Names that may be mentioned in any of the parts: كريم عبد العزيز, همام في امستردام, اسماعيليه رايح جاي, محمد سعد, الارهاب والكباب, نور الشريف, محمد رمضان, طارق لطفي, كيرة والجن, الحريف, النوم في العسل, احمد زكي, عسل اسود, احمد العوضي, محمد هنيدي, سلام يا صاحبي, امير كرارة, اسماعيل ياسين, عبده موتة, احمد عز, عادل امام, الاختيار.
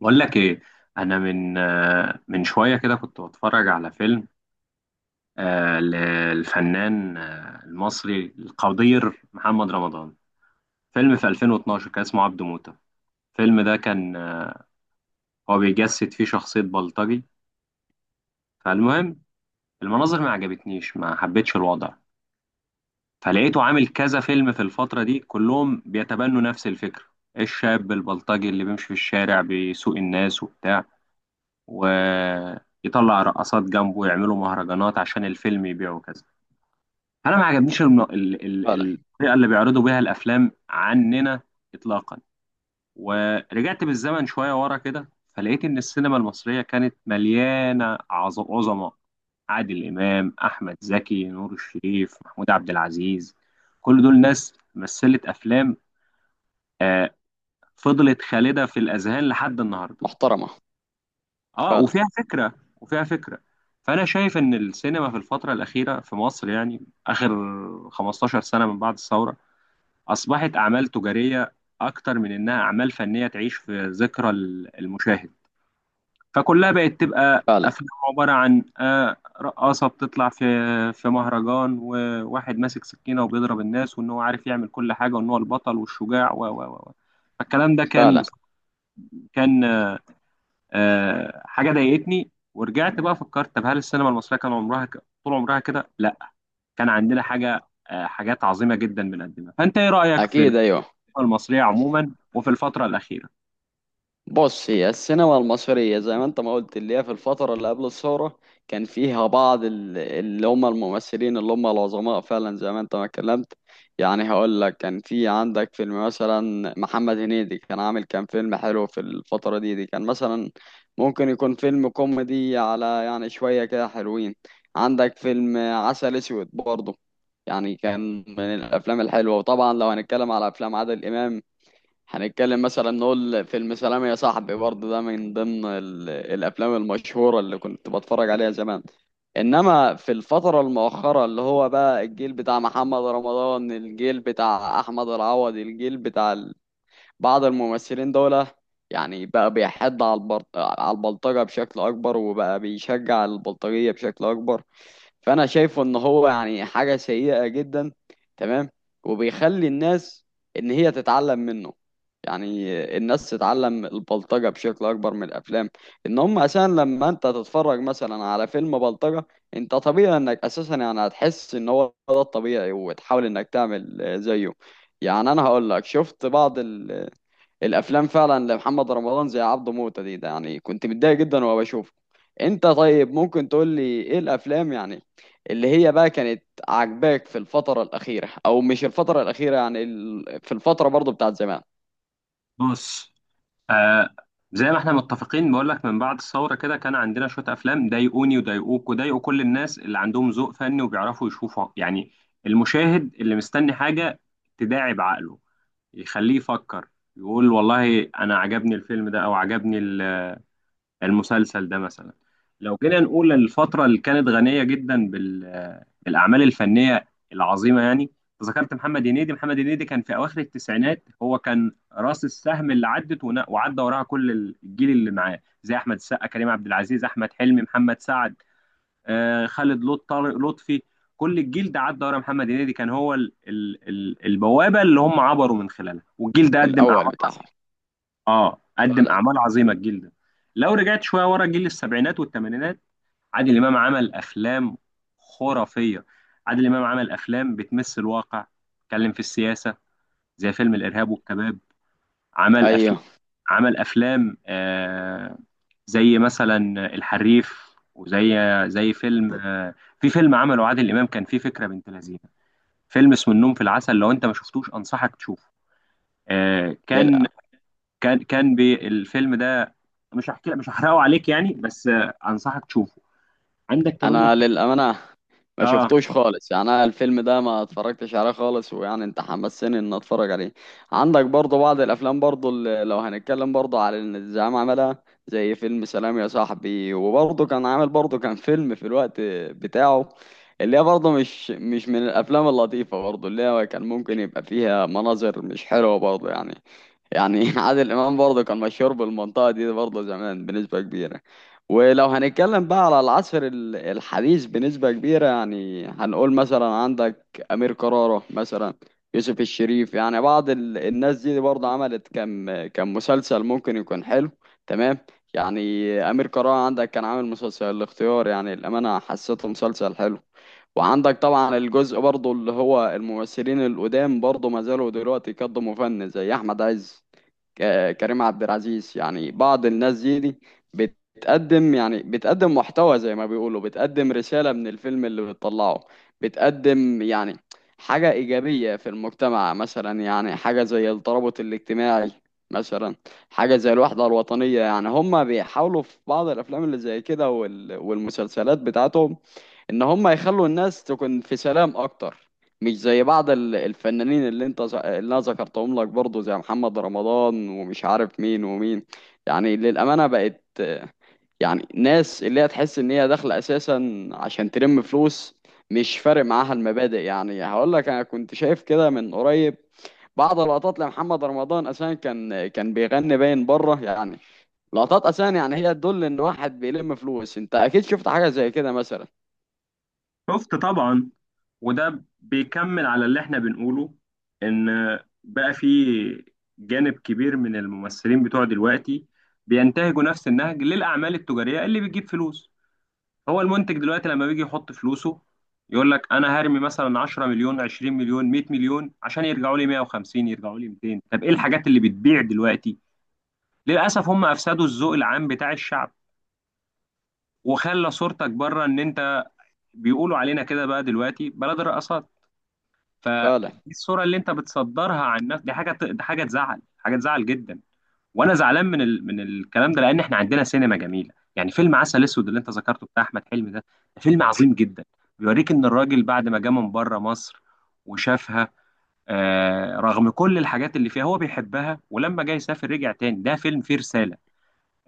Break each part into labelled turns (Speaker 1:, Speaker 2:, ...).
Speaker 1: بقول لك ايه. انا من شويه كده كنت بتفرج على فيلم، للفنان، المصري القدير محمد رمضان. فيلم في 2012 كان اسمه عبده موتة. الفيلم ده كان، هو بيجسد فيه شخصيه بلطجي. فالمهم، المناظر ما عجبتنيش، ما حبيتش الوضع. فلقيته عامل كذا فيلم في الفتره دي كلهم بيتبنوا نفس الفكره. الشاب البلطجي اللي بيمشي في الشارع بيسوق الناس وبتاع، ويطلع رقصات جنبه ويعملوا مهرجانات عشان الفيلم يبيعه كذا. انا ما عجبنيش
Speaker 2: فعلا.
Speaker 1: الطريقه اللي بيعرضوا بيها الافلام عننا اطلاقا. ورجعت بالزمن شويه ورا كده، فلقيت ان السينما المصريه كانت مليانه عظماء: عادل امام، احمد زكي، نور الشريف، محمود عبد العزيز. كل دول ناس مثلت افلام، آه، فضلت خالده في الاذهان لحد النهارده.
Speaker 2: محترمة.
Speaker 1: اه،
Speaker 2: فعلا.
Speaker 1: وفيها فكرة، وفيها فكرة. فأنا شايف إن السينما في الفترة الأخيرة في مصر، يعني آخر 15 سنة من بعد الثورة، أصبحت أعمال تجارية أكتر من إنها أعمال فنية تعيش في ذكرى المشاهد. فكلها بقت تبقى
Speaker 2: فعلا.
Speaker 1: أفلام عبارة عن، رقاصة بتطلع في مهرجان، وواحد ماسك سكينة وبيضرب الناس، وإن هو عارف يعمل كل حاجة، وإن هو البطل والشجاع و و و فالكلام ده كان
Speaker 2: فعلا.
Speaker 1: كان آه، حاجه ضايقتني. ورجعت بقى فكرت، طب هل السينما المصريه كان عمرها، طول عمرها كده؟ لا. كان عندنا حاجه، حاجات عظيمه جدا بنقدمها. فانت ايه رايك في
Speaker 2: أكيد.
Speaker 1: السينما
Speaker 2: أيوه.
Speaker 1: المصريه عموما وفي الفتره الاخيره؟
Speaker 2: بص، هي السينما المصرية زي ما انت ما قلت اللي هي في الفترة اللي قبل الثورة كان فيها بعض اللي هم الممثلين اللي هم العظماء فعلا زي ما انت ما اتكلمت. يعني هقول لك كان في عندك فيلم مثلا محمد هنيدي كان فيلم حلو في الفترة دي كان مثلا ممكن يكون فيلم كوميدي على يعني شوية كده حلوين. عندك فيلم عسل اسود برضه، يعني كان من الافلام الحلوة. وطبعا لو هنتكلم على افلام عادل امام هنتكلم مثلا نقول فيلم سلام يا صاحبي برضه، ده من ضمن الافلام المشهوره اللي كنت بتفرج عليها زمان. انما في الفتره المؤخره اللي هو بقى الجيل بتاع محمد رمضان، الجيل بتاع احمد العوضي، الجيل بتاع بعض الممثلين دول، يعني بقى بيحد على على البلطجة بشكل أكبر، وبقى بيشجع البلطجية بشكل أكبر. فأنا شايفه إن هو يعني حاجة سيئة جدا. تمام. وبيخلي الناس إن هي تتعلم منه، يعني الناس تتعلم البلطجة بشكل أكبر من الأفلام. إن هم أساسا لما أنت تتفرج مثلا على فيلم بلطجة، أنت طبيعي إنك أساسا يعني هتحس إن هو ده الطبيعي وتحاول إنك تعمل زيه. يعني أنا هقول لك شفت بعض الافلام فعلا لمحمد رمضان زي عبده موتة دي، ده يعني كنت متضايق جدا وانا بشوفه. انت طيب ممكن تقول لي ايه الافلام يعني اللي هي بقى كانت عاجباك في الفترة الأخيرة، أو مش الفترة الأخيرة يعني في الفترة برضو بتاعت زمان.
Speaker 1: بص، آه زي ما احنا متفقين، بقول لك من بعد الثوره كده كان عندنا شويه افلام ضايقوني وضايقوك وضايقوا كل الناس اللي عندهم ذوق فني وبيعرفوا يشوفوا. يعني المشاهد اللي مستني حاجه تداعب عقله، يخليه يفكر، يقول والله انا عجبني الفيلم ده او عجبني المسلسل ده مثلا. لو جينا نقول الفترة اللي كانت غنية جدا بالأعمال الفنية العظيمة، يعني ذكرت محمد هنيدي كان في أواخر التسعينات، هو كان رأس السهم اللي عدت وعدى وراها كل الجيل اللي معاه، زي أحمد السقا، كريم عبد العزيز، أحمد حلمي، محمد سعد، خالد لط طارق لطفي. كل الجيل ده عدى ورا محمد هنيدي، كان هو البوابة اللي هم عبروا من خلالها. والجيل ده قدم
Speaker 2: الأول
Speaker 1: أعمال.
Speaker 2: بتاعهم.
Speaker 1: اه، قدم
Speaker 2: فعلا.
Speaker 1: اعمال عظيمه الجيل ده. لو رجعت شويه ورا جيل السبعينات والثمانينات، عادل امام عمل افلام خرافيه. عادل امام عمل افلام بتمس الواقع، اتكلم في السياسه، زي فيلم الارهاب والكباب. عمل افلام،
Speaker 2: أيوه.
Speaker 1: عمل افلام زي مثلا الحريف، وزي فيلم، في فيلم عمله عادل امام كان فيه فكره بنت لذينه، فيلم اسمه النوم في العسل. لو انت ما شفتوش انصحك تشوفه. آه كان
Speaker 2: للأ.
Speaker 1: كان بالفيلم ده، مش هحكي، مش هحرقه عليك يعني، بس انصحك تشوفه. عندك كمان
Speaker 2: انا
Speaker 1: واحد.
Speaker 2: للامانه ما
Speaker 1: اه،
Speaker 2: شفتوش خالص، يعني انا الفيلم ده ما اتفرجتش عليه خالص، ويعني انت حمسني ان اتفرج عليه. عندك برضه بعض الافلام برضه اللي لو هنتكلم برضه على ان الزعيم عملها زي فيلم سلام يا صاحبي، وبرضه كان عامل برضه كان فيلم في الوقت بتاعه اللي هي برضه مش من الافلام اللطيفه برضه، اللي هي كان ممكن يبقى فيها مناظر مش حلوه برضه يعني. يعني عادل امام برضه كان مشهور بالمنطقه دي برضه زمان بنسبه كبيره. ولو هنتكلم بقى على العصر الحديث بنسبه كبيره، يعني هنقول مثلا عندك امير كرارة مثلا، يوسف الشريف، يعني بعض الناس دي برضه عملت كم كم مسلسل ممكن يكون حلو. تمام. يعني امير كرارة عندك كان عامل مسلسل الاختيار، يعني الامانه حسيته مسلسل حلو. وعندك طبعا الجزء برضه اللي هو الممثلين القدام برضه ما زالوا دلوقتي يقدموا فن زي احمد عز، كريم عبد العزيز، يعني بعض الناس دي بتقدم يعني بتقدم محتوى زي ما بيقولوا، بتقدم رسالة من الفيلم اللي بتطلعه، بتقدم يعني حاجة إيجابية في المجتمع مثلا، يعني حاجة زي الترابط الاجتماعي مثلا، حاجة زي الوحدة الوطنية. يعني هما بيحاولوا في بعض الأفلام اللي زي كده والمسلسلات بتاعتهم ان هم يخلوا الناس تكون في سلام اكتر، مش زي بعض الفنانين اللي انت اللي انا ذكرتهم لك برضه زي محمد رمضان ومش عارف مين ومين. يعني للامانه بقت يعني ناس اللي هي تحس ان هي داخله اساسا عشان تلم فلوس، مش فارق معاها المبادئ. يعني هقول لك انا كنت شايف كده من قريب بعض اللقطات لمحمد رمضان، اساسا كان بيغني باين بره يعني، لقطات اساسا يعني هي تدل ان واحد بيلم فلوس. انت اكيد شفت حاجه زي كده مثلا.
Speaker 1: شفت طبعا. وده بيكمل على اللي احنا بنقوله، ان بقى في جانب كبير من الممثلين بتوع دلوقتي بينتهجوا نفس النهج للاعمال التجاريه اللي بتجيب فلوس. هو المنتج دلوقتي لما بيجي يحط فلوسه، يقول لك انا هرمي مثلا 10 مليون، 20 مليون، 100 مليون، عشان يرجعوا لي 150، يرجعوا لي 200. طب ايه الحاجات اللي بتبيع دلوقتي؟ للأسف هم أفسدوا الذوق العام بتاع الشعب، وخلى صورتك بره، إن أنت، بيقولوا علينا كده بقى دلوقتي بلد الرقصات.
Speaker 2: فعلا.
Speaker 1: فدي الصورة اللي أنت بتصدرها عن نفسك، دي حاجة تزعل، حاجة تزعل جدا. وأنا زعلان من الكلام ده، لأن إحنا عندنا سينما جميلة. يعني فيلم عسل أسود اللي أنت ذكرته بتاع أحمد حلمي ده، ده فيلم عظيم جدا. بيوريك إن الراجل بعد ما جه من بره مصر وشافها، رغم كل الحاجات اللي فيها هو بيحبها، ولما جه يسافر رجع تاني. ده فيلم فيه رسالة.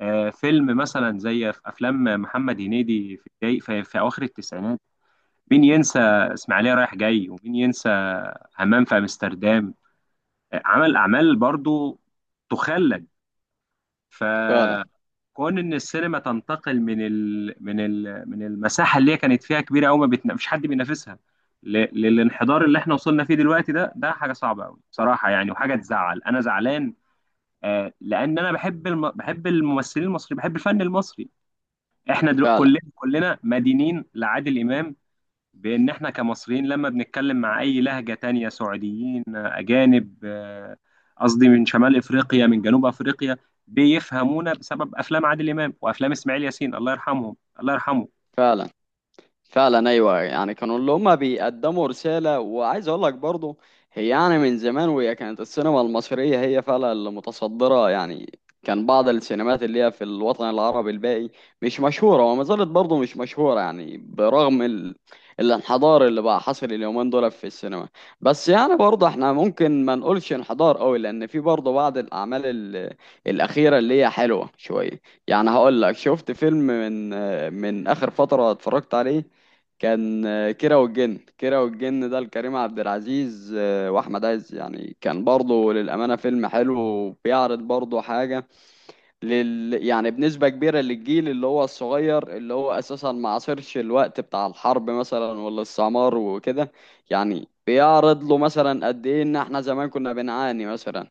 Speaker 1: فيلم مثلا زي في افلام محمد هنيدي في الجاي في, اواخر التسعينات. مين ينسى اسماعيليه رايح جاي؟ ومين ينسى همام في امستردام؟ عمل اعمال برضو تخلد.
Speaker 2: فعلا.
Speaker 1: فكون ان السينما تنتقل من المساحه اللي هي كانت فيها كبيره قوي، ما بتنا... مفيش حد بينافسها، للانحدار اللي احنا وصلنا فيه دلوقتي، ده ده حاجه صعبه قوي بصراحه يعني، وحاجه تزعل. انا زعلان، لان انا بحب الممثلين المصريين، بحب الفن المصري. احنا دلو...
Speaker 2: فعلا.
Speaker 1: كلنا كلنا مدينين لعادل امام، بان احنا كمصريين لما بنتكلم مع اي لهجه تانية، سعوديين، اجانب، قصدي من شمال افريقيا، من جنوب افريقيا، بيفهمونا بسبب افلام عادل امام وافلام اسماعيل ياسين، الله يرحمهم، الله يرحمه.
Speaker 2: فعلا. فعلا. ايوه، يعني كانوا اللي هما بيقدموا رساله. وعايز اقول لك برضه، هي يعني من زمان وهي كانت السينما المصريه هي فعلا اللي متصدره، يعني كان بعض السينمات اللي هي في الوطن العربي الباقي مش مشهوره وما زالت برضه مش مشهوره. يعني برغم الانحدار اللي بقى حصل اليومين دول في السينما، بس يعني برضه احنا ممكن ما نقولش انحدار قوي لان في برضه بعض الاعمال الاخيره اللي هي حلوه شويه. يعني هقول لك شفت فيلم من اخر فتره اتفرجت عليه، كان كيرة والجن، كيرة والجن ده لكريم عبد العزيز واحمد عز، يعني كان برضه للامانه فيلم حلو، وبيعرض برضه حاجه يعني بنسبه كبيره للجيل اللي هو الصغير، اللي هو اساسا ما عاصرش الوقت بتاع الحرب مثلا والاستعمار وكده. يعني بيعرض له مثلا قد ايه ان احنا زمان كنا بنعاني مثلا،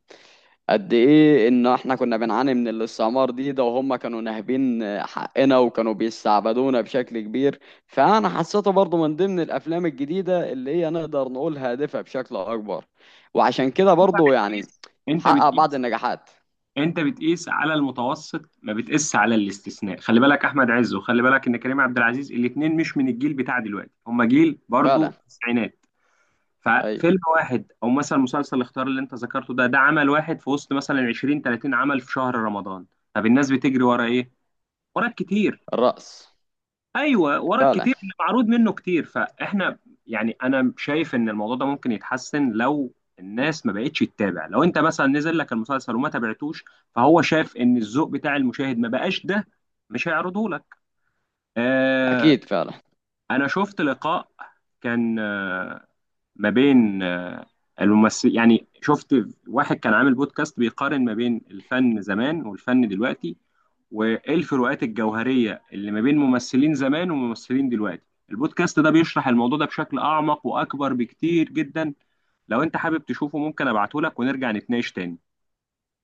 Speaker 2: قد ايه ان احنا كنا بنعاني من الاستعمار دي، ده وهم كانوا ناهبين حقنا وكانوا بيستعبدونا بشكل كبير. فانا حسيته برضو من ضمن الافلام الجديدة اللي هي نقدر نقول هادفة بشكل اكبر، وعشان كده
Speaker 1: انت
Speaker 2: برضو يعني
Speaker 1: بتقيس انت
Speaker 2: حقق بعض
Speaker 1: بتقيس
Speaker 2: النجاحات.
Speaker 1: انت بتقيس على المتوسط، ما بتقيس على الاستثناء. خلي بالك احمد عز، وخلي بالك ان كريم عبد العزيز، الاثنين مش من الجيل بتاع دلوقتي، هم جيل
Speaker 2: فعلا.
Speaker 1: برضو التسعينات.
Speaker 2: ايوه.
Speaker 1: ففيلم واحد، او مثلا مسلسل الاختيار اللي انت ذكرته ده عمل واحد في وسط مثلا 20 30 عمل في شهر رمضان. طب الناس بتجري ورا ايه؟ ورا الكتير.
Speaker 2: الرأس.
Speaker 1: ايوه، ورا
Speaker 2: فعلا.
Speaker 1: الكتير اللي معروض منه كتير. فاحنا يعني انا شايف ان الموضوع ده ممكن يتحسن لو الناس ما بقتش تتابع. لو انت مثلا نزل لك المسلسل وما تابعتوش، فهو شاف ان الذوق بتاع المشاهد ما بقاش ده، مش هيعرضه لك. آه
Speaker 2: اكيد. فعلا.
Speaker 1: انا شفت لقاء، كان ما بين الممثل يعني. شفت واحد كان عامل بودكاست بيقارن ما بين الفن زمان والفن دلوقتي، وايه الفروقات الجوهريه اللي ما بين ممثلين زمان وممثلين دلوقتي. البودكاست ده بيشرح الموضوع ده بشكل اعمق واكبر بكتير جدا. لو انت حابب تشوفه ممكن ابعته لك ونرجع نتناقش تاني.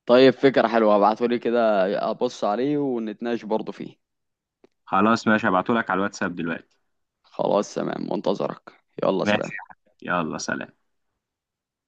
Speaker 2: طيب، فكرة حلوة. ابعتولي كده، ابص عليه ونتناقش برضو فيه.
Speaker 1: خلاص ماشي، هبعته لك على الواتساب دلوقتي.
Speaker 2: خلاص، تمام، منتظرك. يلا سلام.
Speaker 1: ماشي. يلا سلام.